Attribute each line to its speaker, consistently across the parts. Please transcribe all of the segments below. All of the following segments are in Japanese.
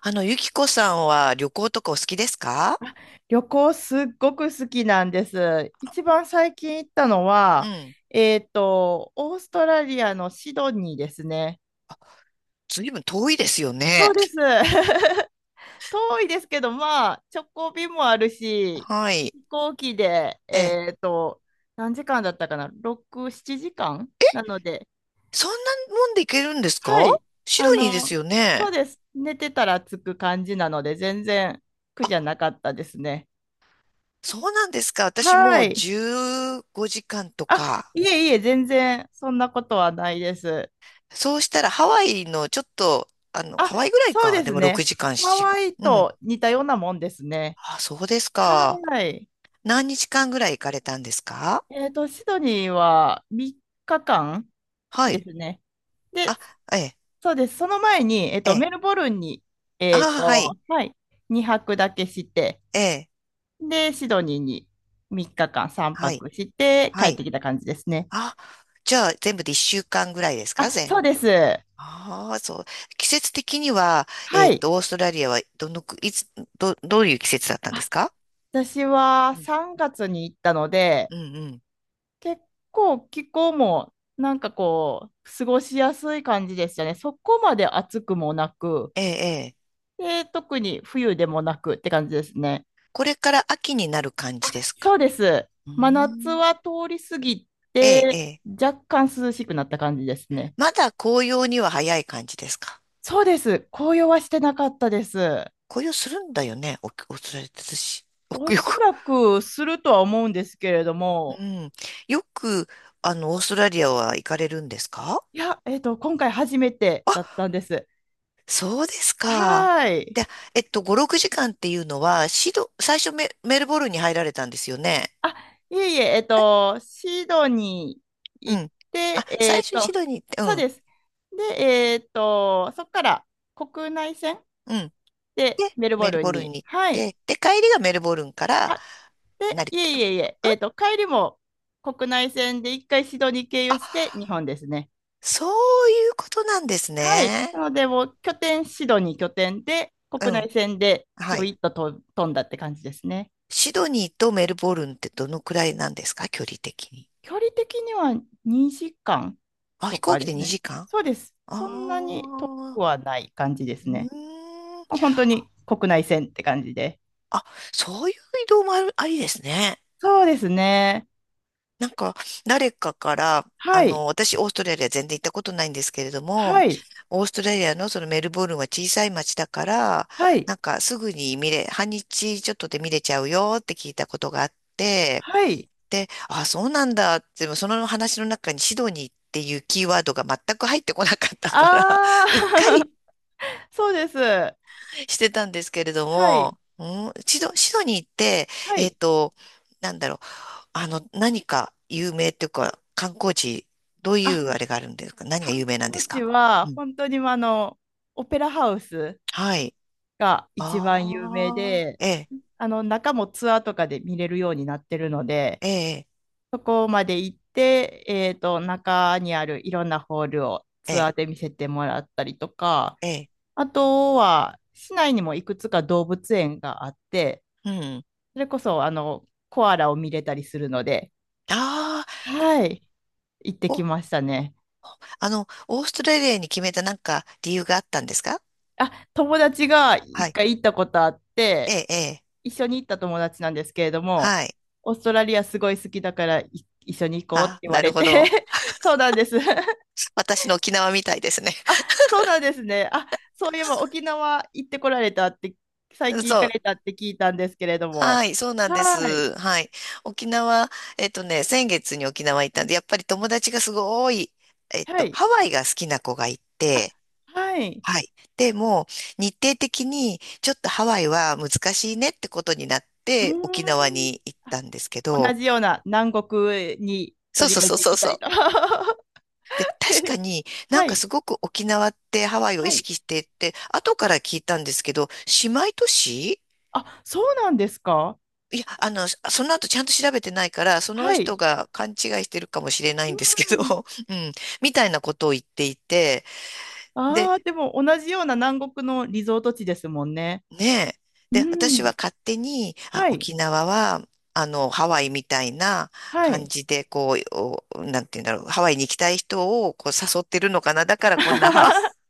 Speaker 1: あの、ゆきこさんは旅行とかお好きですか？
Speaker 2: 旅行すっごく好きなんです。一番最近行ったの
Speaker 1: う
Speaker 2: は、
Speaker 1: ん。
Speaker 2: オーストラリアのシドニーですね。
Speaker 1: ずいぶん遠いですよね。
Speaker 2: そうです。遠いですけど、まあ、直行便もあるし、
Speaker 1: はい。
Speaker 2: 飛行機で、
Speaker 1: ええ、
Speaker 2: 何時間だったかな？ 6、7時間なので、
Speaker 1: そんなもんで行けるんですか？
Speaker 2: はい。
Speaker 1: シ
Speaker 2: あ
Speaker 1: ドニーで
Speaker 2: の、
Speaker 1: すよ
Speaker 2: そう
Speaker 1: ね。
Speaker 2: です。寝てたら着く感じなので、全然苦じゃ
Speaker 1: あ、
Speaker 2: なかったですね。
Speaker 1: そうなんですか。私も
Speaker 2: は
Speaker 1: う
Speaker 2: い。
Speaker 1: 15時間と
Speaker 2: あ、
Speaker 1: か。
Speaker 2: いえいえ、全然そんなことはないです。
Speaker 1: そうしたらハワイのちょっと、あの、
Speaker 2: あ、
Speaker 1: ハワイぐらい
Speaker 2: そう
Speaker 1: か。
Speaker 2: で
Speaker 1: で
Speaker 2: す
Speaker 1: も6
Speaker 2: ね。
Speaker 1: 時間、7
Speaker 2: ハ
Speaker 1: 時
Speaker 2: ワイ
Speaker 1: 間。うん。
Speaker 2: と似たようなもんですね。
Speaker 1: あ、そうですか。
Speaker 2: はい。
Speaker 1: 何日間ぐらい行かれたんですか？
Speaker 2: シドニーは3日間
Speaker 1: は
Speaker 2: で
Speaker 1: い。
Speaker 2: すね。
Speaker 1: あ、
Speaker 2: で、
Speaker 1: ええ、
Speaker 2: そうです。その前に、
Speaker 1: ええ。
Speaker 2: メルボルンに、
Speaker 1: あ、はい。
Speaker 2: はい、2泊だけして、
Speaker 1: ええ、
Speaker 2: で、シドニーに3日間3
Speaker 1: はい。
Speaker 2: 泊して帰
Speaker 1: は
Speaker 2: っ
Speaker 1: い。
Speaker 2: てきた感じですね。
Speaker 1: あ、じゃあ全部で1週間ぐらいですか
Speaker 2: あ、
Speaker 1: 全。
Speaker 2: そうです。
Speaker 1: ああ、そう。季節的には、
Speaker 2: はい。
Speaker 1: オーストラリアはどのく、いつ、ど、どういう季節だったんです
Speaker 2: あ、
Speaker 1: か？
Speaker 2: 私は
Speaker 1: うん、
Speaker 2: 3月に行ったので、
Speaker 1: うん、うん。
Speaker 2: 結構気候もなんかこう過ごしやすい感じでしたね。そこまで暑くもなく、
Speaker 1: ええ、ええ。
Speaker 2: で、特に冬でもなくって感じですね。
Speaker 1: これから秋になる感じです
Speaker 2: そ
Speaker 1: か？
Speaker 2: うです。
Speaker 1: うー
Speaker 2: 真夏
Speaker 1: ん。
Speaker 2: は通り過ぎ
Speaker 1: ええ、え
Speaker 2: て
Speaker 1: え。
Speaker 2: 若干涼しくなった感じですね。
Speaker 1: まだ紅葉には早い感じですか？
Speaker 2: そうです。紅葉はしてなかったです。
Speaker 1: 紅葉するんだよね、オーオーストラリアって私。およ
Speaker 2: お
Speaker 1: く、よ
Speaker 2: そ
Speaker 1: く
Speaker 2: らくするとは思うんですけれど
Speaker 1: う
Speaker 2: も、
Speaker 1: ん。よく、オーストラリアは行かれるんですか？
Speaker 2: いや、今回初めてだったんです。
Speaker 1: そうですか。
Speaker 2: はーい。
Speaker 1: で、5、6時間っていうのは、シド、最初メ、メルボルンに入られたんですよね。
Speaker 2: あ、いえいえ、シドニー
Speaker 1: う
Speaker 2: 行っ
Speaker 1: ん。あ、
Speaker 2: て、
Speaker 1: 最初にシドニーに行って、
Speaker 2: そう
Speaker 1: う
Speaker 2: です。で、そこから国内線
Speaker 1: ん、うん。
Speaker 2: で
Speaker 1: で、
Speaker 2: メル
Speaker 1: メ
Speaker 2: ボ
Speaker 1: ル
Speaker 2: ル
Speaker 1: ボ
Speaker 2: ン
Speaker 1: ルン
Speaker 2: に。
Speaker 1: に行っ
Speaker 2: はい。
Speaker 1: て、で、帰りがメルボルンから
Speaker 2: あ、で、
Speaker 1: 成
Speaker 2: い
Speaker 1: 田
Speaker 2: え
Speaker 1: と。
Speaker 2: いえいえ、帰りも国内線で一回シドニー経
Speaker 1: あ、
Speaker 2: 由して日本ですね。
Speaker 1: そういうことなんです
Speaker 2: はい。
Speaker 1: ね。
Speaker 2: なので、もう拠点、シドニー拠点で、
Speaker 1: う
Speaker 2: 国
Speaker 1: ん。
Speaker 2: 内線でち
Speaker 1: は
Speaker 2: ょい
Speaker 1: い。
Speaker 2: っとと飛んだって感じですね。
Speaker 1: シドニーとメルボルンってどのくらいなんですか距離的に。
Speaker 2: 距離的には2時間
Speaker 1: あ、
Speaker 2: と
Speaker 1: 飛行
Speaker 2: か
Speaker 1: 機
Speaker 2: で
Speaker 1: で
Speaker 2: すね。
Speaker 1: 2時間。
Speaker 2: そうです。そんなに遠
Speaker 1: あ
Speaker 2: く
Speaker 1: あ
Speaker 2: はない感じです
Speaker 1: ー、うー
Speaker 2: ね。もう
Speaker 1: ん。
Speaker 2: 本当に国内線って感じで。
Speaker 1: あ、そういう移動もある、ありですね。
Speaker 2: そうですね。
Speaker 1: なんか、誰かから、あ
Speaker 2: はい。
Speaker 1: の、私、オーストラリア全然行ったことないんですけれども、
Speaker 2: はい。
Speaker 1: オーストラリアのそのメルボルンは小さい町だから、
Speaker 2: はい。
Speaker 1: なんかすぐに見れ、半日ちょっとで見れちゃうよって聞いたことがあって、
Speaker 2: はい。
Speaker 1: で、あ、そうなんだって、でもその話の中にシドニーっていうキーワードが全く入ってこなかったから、
Speaker 2: あ
Speaker 1: うっか
Speaker 2: あ。
Speaker 1: り
Speaker 2: そうです。は
Speaker 1: してたんですけれど
Speaker 2: い。
Speaker 1: も、うん、シド、シドニーって、
Speaker 2: は
Speaker 1: えっ
Speaker 2: い。
Speaker 1: と、なんだろう、あの、何か有名というか、観光地、どうい
Speaker 2: あ、
Speaker 1: うあれがあるんですか？何が
Speaker 2: 観
Speaker 1: 有名なんで
Speaker 2: 光
Speaker 1: す
Speaker 2: 地
Speaker 1: か？
Speaker 2: は
Speaker 1: うん。
Speaker 2: 本当にオペラハウス
Speaker 1: はい。
Speaker 2: が一番有名
Speaker 1: ああ、
Speaker 2: で、
Speaker 1: ええ、
Speaker 2: あの中もツアーとかで見れるようになってるので、
Speaker 1: ええ、
Speaker 2: そこまで行って、中にあるいろんなホールを
Speaker 1: え
Speaker 2: ツアー
Speaker 1: え、
Speaker 2: で見せてもらったりとか、
Speaker 1: ええ、
Speaker 2: あとは市内にもいくつか動物園があって、
Speaker 1: うん。
Speaker 2: それこそあのコアラを見れたりするので、
Speaker 1: ああ、こ
Speaker 2: はい、行ってき
Speaker 1: こ、
Speaker 2: ましたね。
Speaker 1: あの、オーストラリアに決めたなんか理由があったんですか？
Speaker 2: あ、友達が
Speaker 1: は
Speaker 2: 一
Speaker 1: い。
Speaker 2: 回行ったことあっ
Speaker 1: え
Speaker 2: て、
Speaker 1: え、ええ、
Speaker 2: 一緒に行った友達なんですけれども、
Speaker 1: はい。
Speaker 2: オーストラリアすごい好きだからい一緒に行こうって
Speaker 1: あ、
Speaker 2: 言わ
Speaker 1: なる
Speaker 2: れ
Speaker 1: ほ
Speaker 2: て、
Speaker 1: ど。
Speaker 2: そうなんです。
Speaker 1: 私の沖縄みたいですね。
Speaker 2: あ、そうなんですね。あ、そういえば沖縄行ってこられたって、最 近行
Speaker 1: そ
Speaker 2: か
Speaker 1: う。
Speaker 2: れたって聞いたんですけれども。
Speaker 1: はい、そうなんで
Speaker 2: はい。
Speaker 1: す。はい。沖縄、えっとね、先月に沖縄行ったんで、やっぱり友達がすごい、
Speaker 2: はい。
Speaker 1: ハワイが好きな子がい
Speaker 2: あ、
Speaker 1: て、
Speaker 2: はい。
Speaker 1: はい。でも、日程的に、ちょっとハワイは難しいねってことになっ
Speaker 2: うー
Speaker 1: て、沖縄
Speaker 2: ん。
Speaker 1: に行っ
Speaker 2: あ、
Speaker 1: たんですけ
Speaker 2: 同
Speaker 1: ど、
Speaker 2: じような南国にと
Speaker 1: そう
Speaker 2: り
Speaker 1: そう
Speaker 2: あえ
Speaker 1: そ
Speaker 2: ず
Speaker 1: う
Speaker 2: 行
Speaker 1: そう
Speaker 2: きた
Speaker 1: そ
Speaker 2: い
Speaker 1: う。
Speaker 2: と。は
Speaker 1: で、確かになんか
Speaker 2: い。
Speaker 1: すごく沖縄ってハワイを意
Speaker 2: はい。
Speaker 1: 識してって、後から聞いたんですけど、姉妹都市。
Speaker 2: あ、そうなんですか？
Speaker 1: いや、あの、その後ちゃんと調べてないから、その
Speaker 2: は
Speaker 1: 人
Speaker 2: い。
Speaker 1: が勘違いしてるかもしれないんですけ
Speaker 2: うん。
Speaker 1: ど、うん、みたいなことを言っていて、で、
Speaker 2: ああ、でも同じような南国のリゾート地ですもんね。
Speaker 1: ねえ、
Speaker 2: う
Speaker 1: で、私
Speaker 2: ん。
Speaker 1: は勝手に、あ、
Speaker 2: はい。
Speaker 1: 沖縄は、あの、ハワイみたいな
Speaker 2: は
Speaker 1: 感
Speaker 2: い。
Speaker 1: じで、こう、おなんて言うんだろう、ハワイに行きたい人をこう誘ってるのかな、だからこんなハ、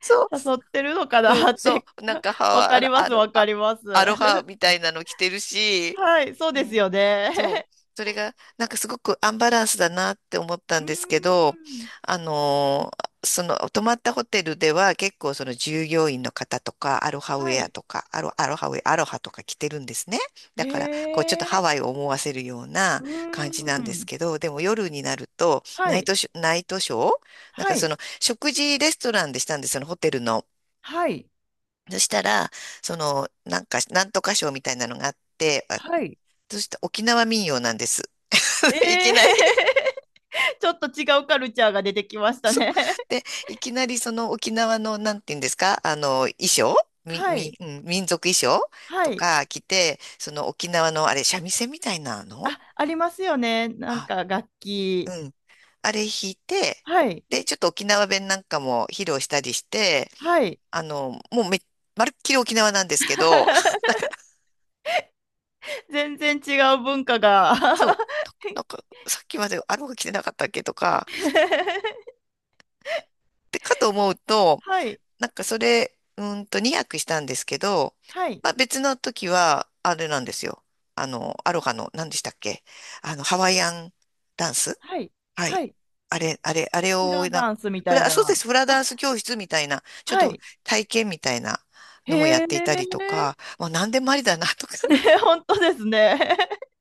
Speaker 1: そ
Speaker 2: 誘ってるのか
Speaker 1: う、う
Speaker 2: な
Speaker 1: ん、
Speaker 2: っ
Speaker 1: そ
Speaker 2: て、
Speaker 1: う、なんかハ
Speaker 2: わ
Speaker 1: ワ、
Speaker 2: か
Speaker 1: あ
Speaker 2: り
Speaker 1: の、
Speaker 2: ま
Speaker 1: ア
Speaker 2: す、
Speaker 1: ロ、
Speaker 2: わか
Speaker 1: あ
Speaker 2: ります。
Speaker 1: アロハ みたいなの着てるし、
Speaker 2: はい、そう
Speaker 1: う
Speaker 2: です
Speaker 1: ん、
Speaker 2: よ
Speaker 1: そ
Speaker 2: ね。
Speaker 1: う。それが、なんかすごくアンバランスだなって思った
Speaker 2: う
Speaker 1: ん
Speaker 2: ー
Speaker 1: ですけど、
Speaker 2: ん。
Speaker 1: あのーその、泊まったホテルでは結構その従業員の方とか、アロハウ
Speaker 2: は
Speaker 1: ェア
Speaker 2: い。
Speaker 1: とか、アロ、アロハウェア、アロハとか着てるんですね。だから、こう、ちょっと
Speaker 2: へ
Speaker 1: ハ
Speaker 2: え。
Speaker 1: ワイを思わせるような
Speaker 2: うー
Speaker 1: 感じなんです
Speaker 2: ん。
Speaker 1: けど、でも夜になると、
Speaker 2: は
Speaker 1: ナイ
Speaker 2: い。
Speaker 1: トショ、ナイトショーなん
Speaker 2: は
Speaker 1: かそ
Speaker 2: い。
Speaker 1: の、食事レストランでしたんです、そのホテルの。
Speaker 2: はい。
Speaker 1: そしたら、その、なんか、なんとかショーみたいなのがあって、あ、
Speaker 2: はい。
Speaker 1: そして沖縄民謡なんです。い
Speaker 2: え
Speaker 1: きなり。
Speaker 2: え。 ちょっと違うカルチャーが出てきまし た
Speaker 1: そう。
Speaker 2: ね。
Speaker 1: で、いきなりその沖縄の、なんて言うんですか、あの、衣装 み、
Speaker 2: はい。
Speaker 1: み、うん、民族衣装
Speaker 2: は
Speaker 1: と
Speaker 2: い。
Speaker 1: か着て、その沖縄の、あれ、三味線みたいなの。
Speaker 2: あ、ありますよね。なん
Speaker 1: はい。
Speaker 2: か楽器。
Speaker 1: うん。あれ弾いて、
Speaker 2: はい。
Speaker 1: で、ちょっと沖縄弁なんかも披露したりして、
Speaker 2: はい。
Speaker 1: あの、もうめ、まるっきり沖縄なんですけど、
Speaker 2: 全然違う文化が。
Speaker 1: そう。なんか、なんかさっきまであの子着てなかったっけとか、で、かと思うと、
Speaker 2: はい。
Speaker 1: なんかそれ、うーんと2泊したんですけど、
Speaker 2: はい。
Speaker 1: まあ別の時は、あれなんですよ。あの、アロハの、何でしたっけ？あの、ハワイアンダンス。
Speaker 2: はい。
Speaker 1: は
Speaker 2: は
Speaker 1: い。
Speaker 2: い。
Speaker 1: あれ、あれ、あれ
Speaker 2: フ
Speaker 1: を
Speaker 2: ラ
Speaker 1: な、
Speaker 2: ダンスみ
Speaker 1: フ
Speaker 2: たい
Speaker 1: ラ、そう
Speaker 2: な。
Speaker 1: です、フラダ
Speaker 2: あ、
Speaker 1: ンス教室みたいな、ちょっ
Speaker 2: は
Speaker 1: と
Speaker 2: い。
Speaker 1: 体験みたいなのもや
Speaker 2: へ
Speaker 1: っ
Speaker 2: え。
Speaker 1: ていたりと か、まあ何でもありだなとか、
Speaker 2: ね、本当ですね。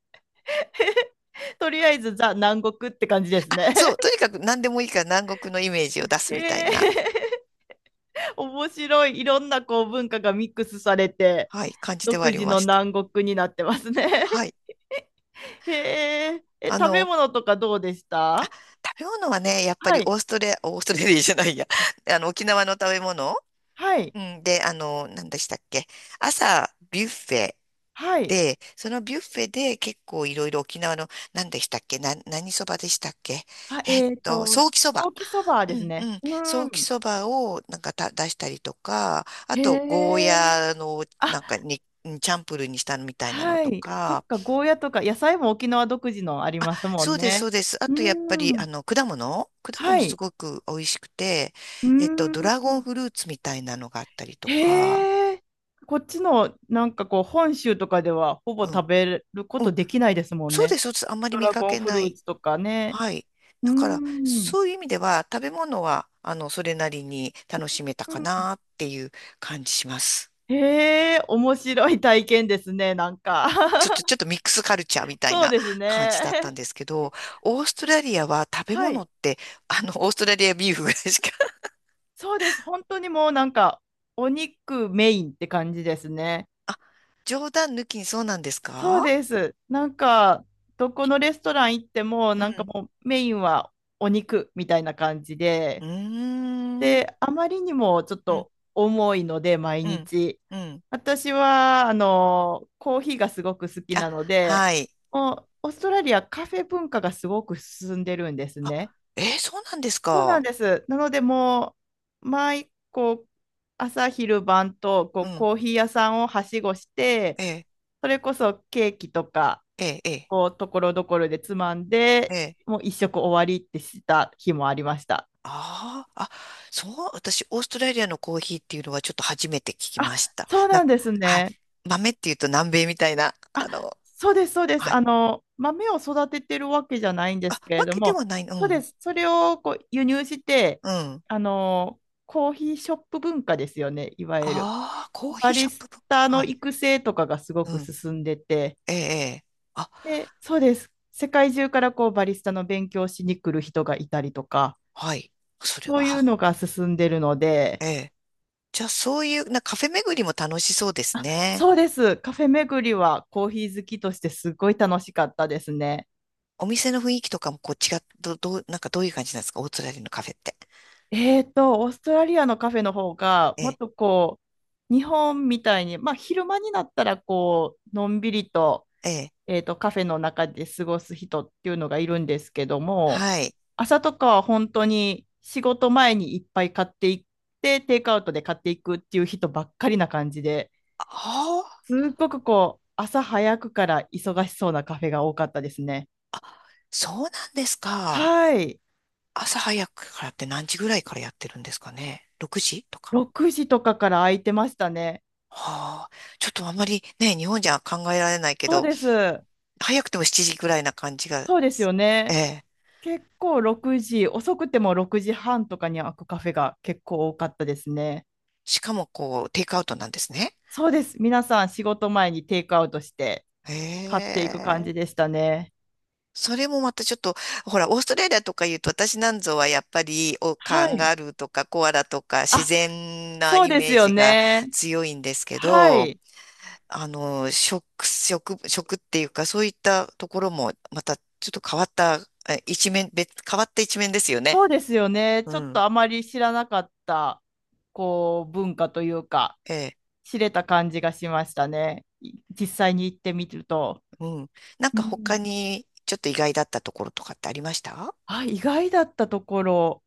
Speaker 2: とりあえず、ザ・南国って感じですね。
Speaker 1: そう、とにかく何でもいいから南国のイメージを出 す
Speaker 2: へ
Speaker 1: みたいな、
Speaker 2: え。面白い。いろんなこう文化がミックスされて、
Speaker 1: はい、感じて
Speaker 2: 独
Speaker 1: はあり
Speaker 2: 自
Speaker 1: ま
Speaker 2: の
Speaker 1: した。
Speaker 2: 南国になってますね。
Speaker 1: はい。
Speaker 2: へえ。え、
Speaker 1: あ
Speaker 2: 食べ
Speaker 1: の、
Speaker 2: 物とかどうでした？
Speaker 1: 食べ物はね、やっぱ
Speaker 2: は
Speaker 1: り
Speaker 2: い。
Speaker 1: オーストラリア、オーストラリアじゃないや、あの、沖縄の食べ物、
Speaker 2: はい。
Speaker 1: うん、で、あの、何でしたっけ、朝、ビュッフェ
Speaker 2: はい。
Speaker 1: で、そのビュッフェで結構いろいろ沖縄の、何でしたっけ、な、何そばでしたっけ、
Speaker 2: あ、
Speaker 1: ソーキそ
Speaker 2: ソ
Speaker 1: ば。
Speaker 2: ーキそば
Speaker 1: う
Speaker 2: です
Speaker 1: んう
Speaker 2: ね。
Speaker 1: ん。
Speaker 2: う
Speaker 1: ソ
Speaker 2: ん。
Speaker 1: ーキそばをなんかた出したりとか、あ
Speaker 2: へ
Speaker 1: と、ゴー
Speaker 2: え。
Speaker 1: ヤのな
Speaker 2: あ、
Speaker 1: んかに、チャンプルーにしたのみたいなの
Speaker 2: は
Speaker 1: と
Speaker 2: い。そっ
Speaker 1: か、
Speaker 2: か、ゴーヤとか、野菜も沖縄独自のありますも
Speaker 1: そ
Speaker 2: ん
Speaker 1: うです、そ
Speaker 2: ね。
Speaker 1: うです。あ
Speaker 2: う
Speaker 1: とやっぱり、あ
Speaker 2: ん。
Speaker 1: の、果物果
Speaker 2: は
Speaker 1: 物す
Speaker 2: い。
Speaker 1: ごく美味しくて、
Speaker 2: うん。
Speaker 1: ドラゴンフルーツみたいなのがあったりとか、
Speaker 2: へえ。こっちの、なんかこう、本州とかでは、ほぼ
Speaker 1: うん、
Speaker 2: 食べるこ
Speaker 1: う
Speaker 2: と
Speaker 1: ん、
Speaker 2: できないですもん
Speaker 1: そうで
Speaker 2: ね。
Speaker 1: す、そうです。あんまり
Speaker 2: ド
Speaker 1: 見
Speaker 2: ラ
Speaker 1: か
Speaker 2: ゴン
Speaker 1: け
Speaker 2: フル
Speaker 1: な
Speaker 2: ー
Speaker 1: い。
Speaker 2: ツとかね。
Speaker 1: はい。
Speaker 2: う
Speaker 1: だから、
Speaker 2: ん。
Speaker 1: そういう意味では、食べ物は、あの、それなりに楽しめたかなっていう感じします。
Speaker 2: へえ、面白い体験ですね、なんか。
Speaker 1: ちょっ と、ちょっとミックスカルチャーみたい
Speaker 2: そう
Speaker 1: な
Speaker 2: です
Speaker 1: 感じ
Speaker 2: ね。
Speaker 1: だったんですけど、オーストラリアは食べ
Speaker 2: は
Speaker 1: 物
Speaker 2: い。
Speaker 1: って、あの、オーストラリアビーフぐらいしか、
Speaker 2: そうです。本当にもうなんか、お肉メインって感じですね。
Speaker 1: あ、冗談抜きにそうなんです
Speaker 2: そう
Speaker 1: か？
Speaker 2: です。なんか、どこのレストラン行っても、
Speaker 1: う
Speaker 2: なんか
Speaker 1: ん、
Speaker 2: もうメインはお肉みたいな感じ
Speaker 1: う
Speaker 2: で、
Speaker 1: ーん、うん、
Speaker 2: で、あまりにもちょっと重いので、毎
Speaker 1: うん、
Speaker 2: 日。
Speaker 1: うん。
Speaker 2: 私は、コーヒーがすごく好き
Speaker 1: あ、
Speaker 2: なので、
Speaker 1: はい。
Speaker 2: もうオーストラリアカフェ文化がすごく進んでるんです
Speaker 1: あ、
Speaker 2: ね。
Speaker 1: えーそうなんです
Speaker 2: そうなん
Speaker 1: か。
Speaker 2: です。なのでもう毎こう朝昼晩とこ
Speaker 1: う
Speaker 2: う
Speaker 1: ん、
Speaker 2: コーヒー屋さんをはしごして
Speaker 1: ええ、
Speaker 2: それこそケーキとか
Speaker 1: ええ、え
Speaker 2: こうところどころでつまん
Speaker 1: ー
Speaker 2: で
Speaker 1: え
Speaker 2: も
Speaker 1: ー、
Speaker 2: う一食終わりってした日もありました。
Speaker 1: ああ、あ、そう、私、オーストラリアのコーヒーっていうのはちょっと初めて聞きまし
Speaker 2: あ、
Speaker 1: た。
Speaker 2: そう
Speaker 1: な、
Speaker 2: なんです
Speaker 1: はい。
Speaker 2: ね。
Speaker 1: 豆っていうと南米みたいな、あ
Speaker 2: あ、
Speaker 1: の、
Speaker 2: そうです、そうで
Speaker 1: は
Speaker 2: す。
Speaker 1: い。
Speaker 2: 豆を育ててるわけじゃないんで
Speaker 1: あ、
Speaker 2: すけ
Speaker 1: わ
Speaker 2: れど
Speaker 1: けで
Speaker 2: も、
Speaker 1: はない、う
Speaker 2: そうで
Speaker 1: ん、
Speaker 2: す。それをこう輸入して、
Speaker 1: うん。
Speaker 2: あの、コーヒーショップ文化ですよね、いわゆる。
Speaker 1: ああ、コーヒ
Speaker 2: バ
Speaker 1: ーショ
Speaker 2: リ
Speaker 1: ッ
Speaker 2: ス
Speaker 1: プ文化。
Speaker 2: タ
Speaker 1: は
Speaker 2: の
Speaker 1: い。
Speaker 2: 育成とかがすご
Speaker 1: う
Speaker 2: く
Speaker 1: ん、
Speaker 2: 進んでて、
Speaker 1: ええ、えー、あ、
Speaker 2: で、そうです。世界中からこうバリスタの勉強しに来る人がいたりとか、
Speaker 1: はい。それ
Speaker 2: そ
Speaker 1: は、
Speaker 2: ういう
Speaker 1: は、
Speaker 2: のが進んでるので、
Speaker 1: ええ。じゃあ、そういう、な、カフェ巡りも楽しそうですね。
Speaker 2: そうです。カフェ巡りはコーヒー好きとしてすごい楽しかったですね。
Speaker 1: お店の雰囲気とかもこう違っ、ど、どう、なんかどういう感じなんですかオーストラリアのカフェって。
Speaker 2: オーストラリアのカフェの方が、
Speaker 1: え
Speaker 2: もっ
Speaker 1: え、
Speaker 2: とこう、日本みたいに、まあ、昼間になったら、こう、のんびりと、
Speaker 1: ええ、
Speaker 2: カフェの中で過ごす人っていうのがいるんですけども、
Speaker 1: はい。
Speaker 2: 朝とかは本当に仕事前にいっぱい買っていって、テイクアウトで買っていくっていう人ばっかりな感じで、
Speaker 1: ああ、
Speaker 2: すっごくこう、朝早くから忙しそうなカフェが多かったですね。
Speaker 1: そうなんですか。
Speaker 2: はい。
Speaker 1: 朝早くからって何時ぐらいからやってるんですかね？ 6 時とか。
Speaker 2: 6時とかから空いてましたね。
Speaker 1: はあ、ちょっとあんまりね、日本じゃ考えられないけ
Speaker 2: そう
Speaker 1: ど、
Speaker 2: です。
Speaker 1: 早くても7時ぐらいな感じが、
Speaker 2: そうですよ
Speaker 1: え
Speaker 2: ね。
Speaker 1: え、
Speaker 2: 結構6時、遅くても6時半とかに開くカフェが結構多かったですね。
Speaker 1: しかもこう、テイクアウトなんですね。
Speaker 2: そうです。皆さん仕事前にテイクアウトして買っ
Speaker 1: へ
Speaker 2: ていく感じで
Speaker 1: え、
Speaker 2: したね。
Speaker 1: それもまたちょっと、ほら、オーストラリアとか言うと、私なんぞはやっぱり、お、カ
Speaker 2: は
Speaker 1: ン
Speaker 2: い。
Speaker 1: ガルーとかコアラとか自
Speaker 2: あ、
Speaker 1: 然な
Speaker 2: そう
Speaker 1: イ
Speaker 2: で
Speaker 1: メ
Speaker 2: す
Speaker 1: ー
Speaker 2: よ
Speaker 1: ジが
Speaker 2: ね。
Speaker 1: 強いんですけ
Speaker 2: は
Speaker 1: ど、
Speaker 2: い。
Speaker 1: あの、食、食、食っていうか、そういったところも、またちょっと変わった、え一面、別、変わった一面ですよね。
Speaker 2: そうですよね。
Speaker 1: う
Speaker 2: ちょっ
Speaker 1: ん。
Speaker 2: とあまり知らなかった、こう、文化というか、
Speaker 1: ええ、
Speaker 2: 知れた感じがしましたね。い、実際に行ってみると。
Speaker 1: うん。なん
Speaker 2: う
Speaker 1: か他
Speaker 2: ん。
Speaker 1: に、ちょっと意外だったところとかってありました？
Speaker 2: あ、意外だったところ。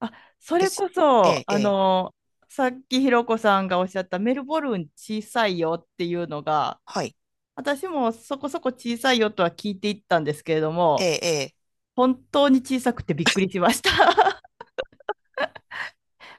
Speaker 2: あ、それ
Speaker 1: 別、
Speaker 2: こ
Speaker 1: え
Speaker 2: そ、
Speaker 1: え、ええ、
Speaker 2: さっきひろこさんがおっしゃったメルボルン小さいよっていうのが、
Speaker 1: はい。
Speaker 2: 私もそこそこ小さいよとは聞いていったんですけれど
Speaker 1: え
Speaker 2: も、
Speaker 1: え、ええ、
Speaker 2: 本当に小さくてびっくりしました。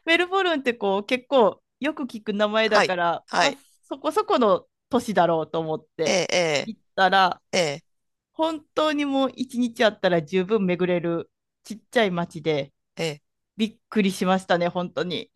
Speaker 2: メルボルンってこう結構よく聞く名前
Speaker 1: は
Speaker 2: だ
Speaker 1: い。
Speaker 2: から、
Speaker 1: は
Speaker 2: まあ、
Speaker 1: い。
Speaker 2: そこそこの都市だろうと思っ
Speaker 1: え
Speaker 2: て
Speaker 1: え、え
Speaker 2: 行ったら、
Speaker 1: え、え
Speaker 2: 本当にもう一日あったら十分巡れるちっちゃい街で
Speaker 1: え、ええ
Speaker 2: びっくりしましたね、本当に。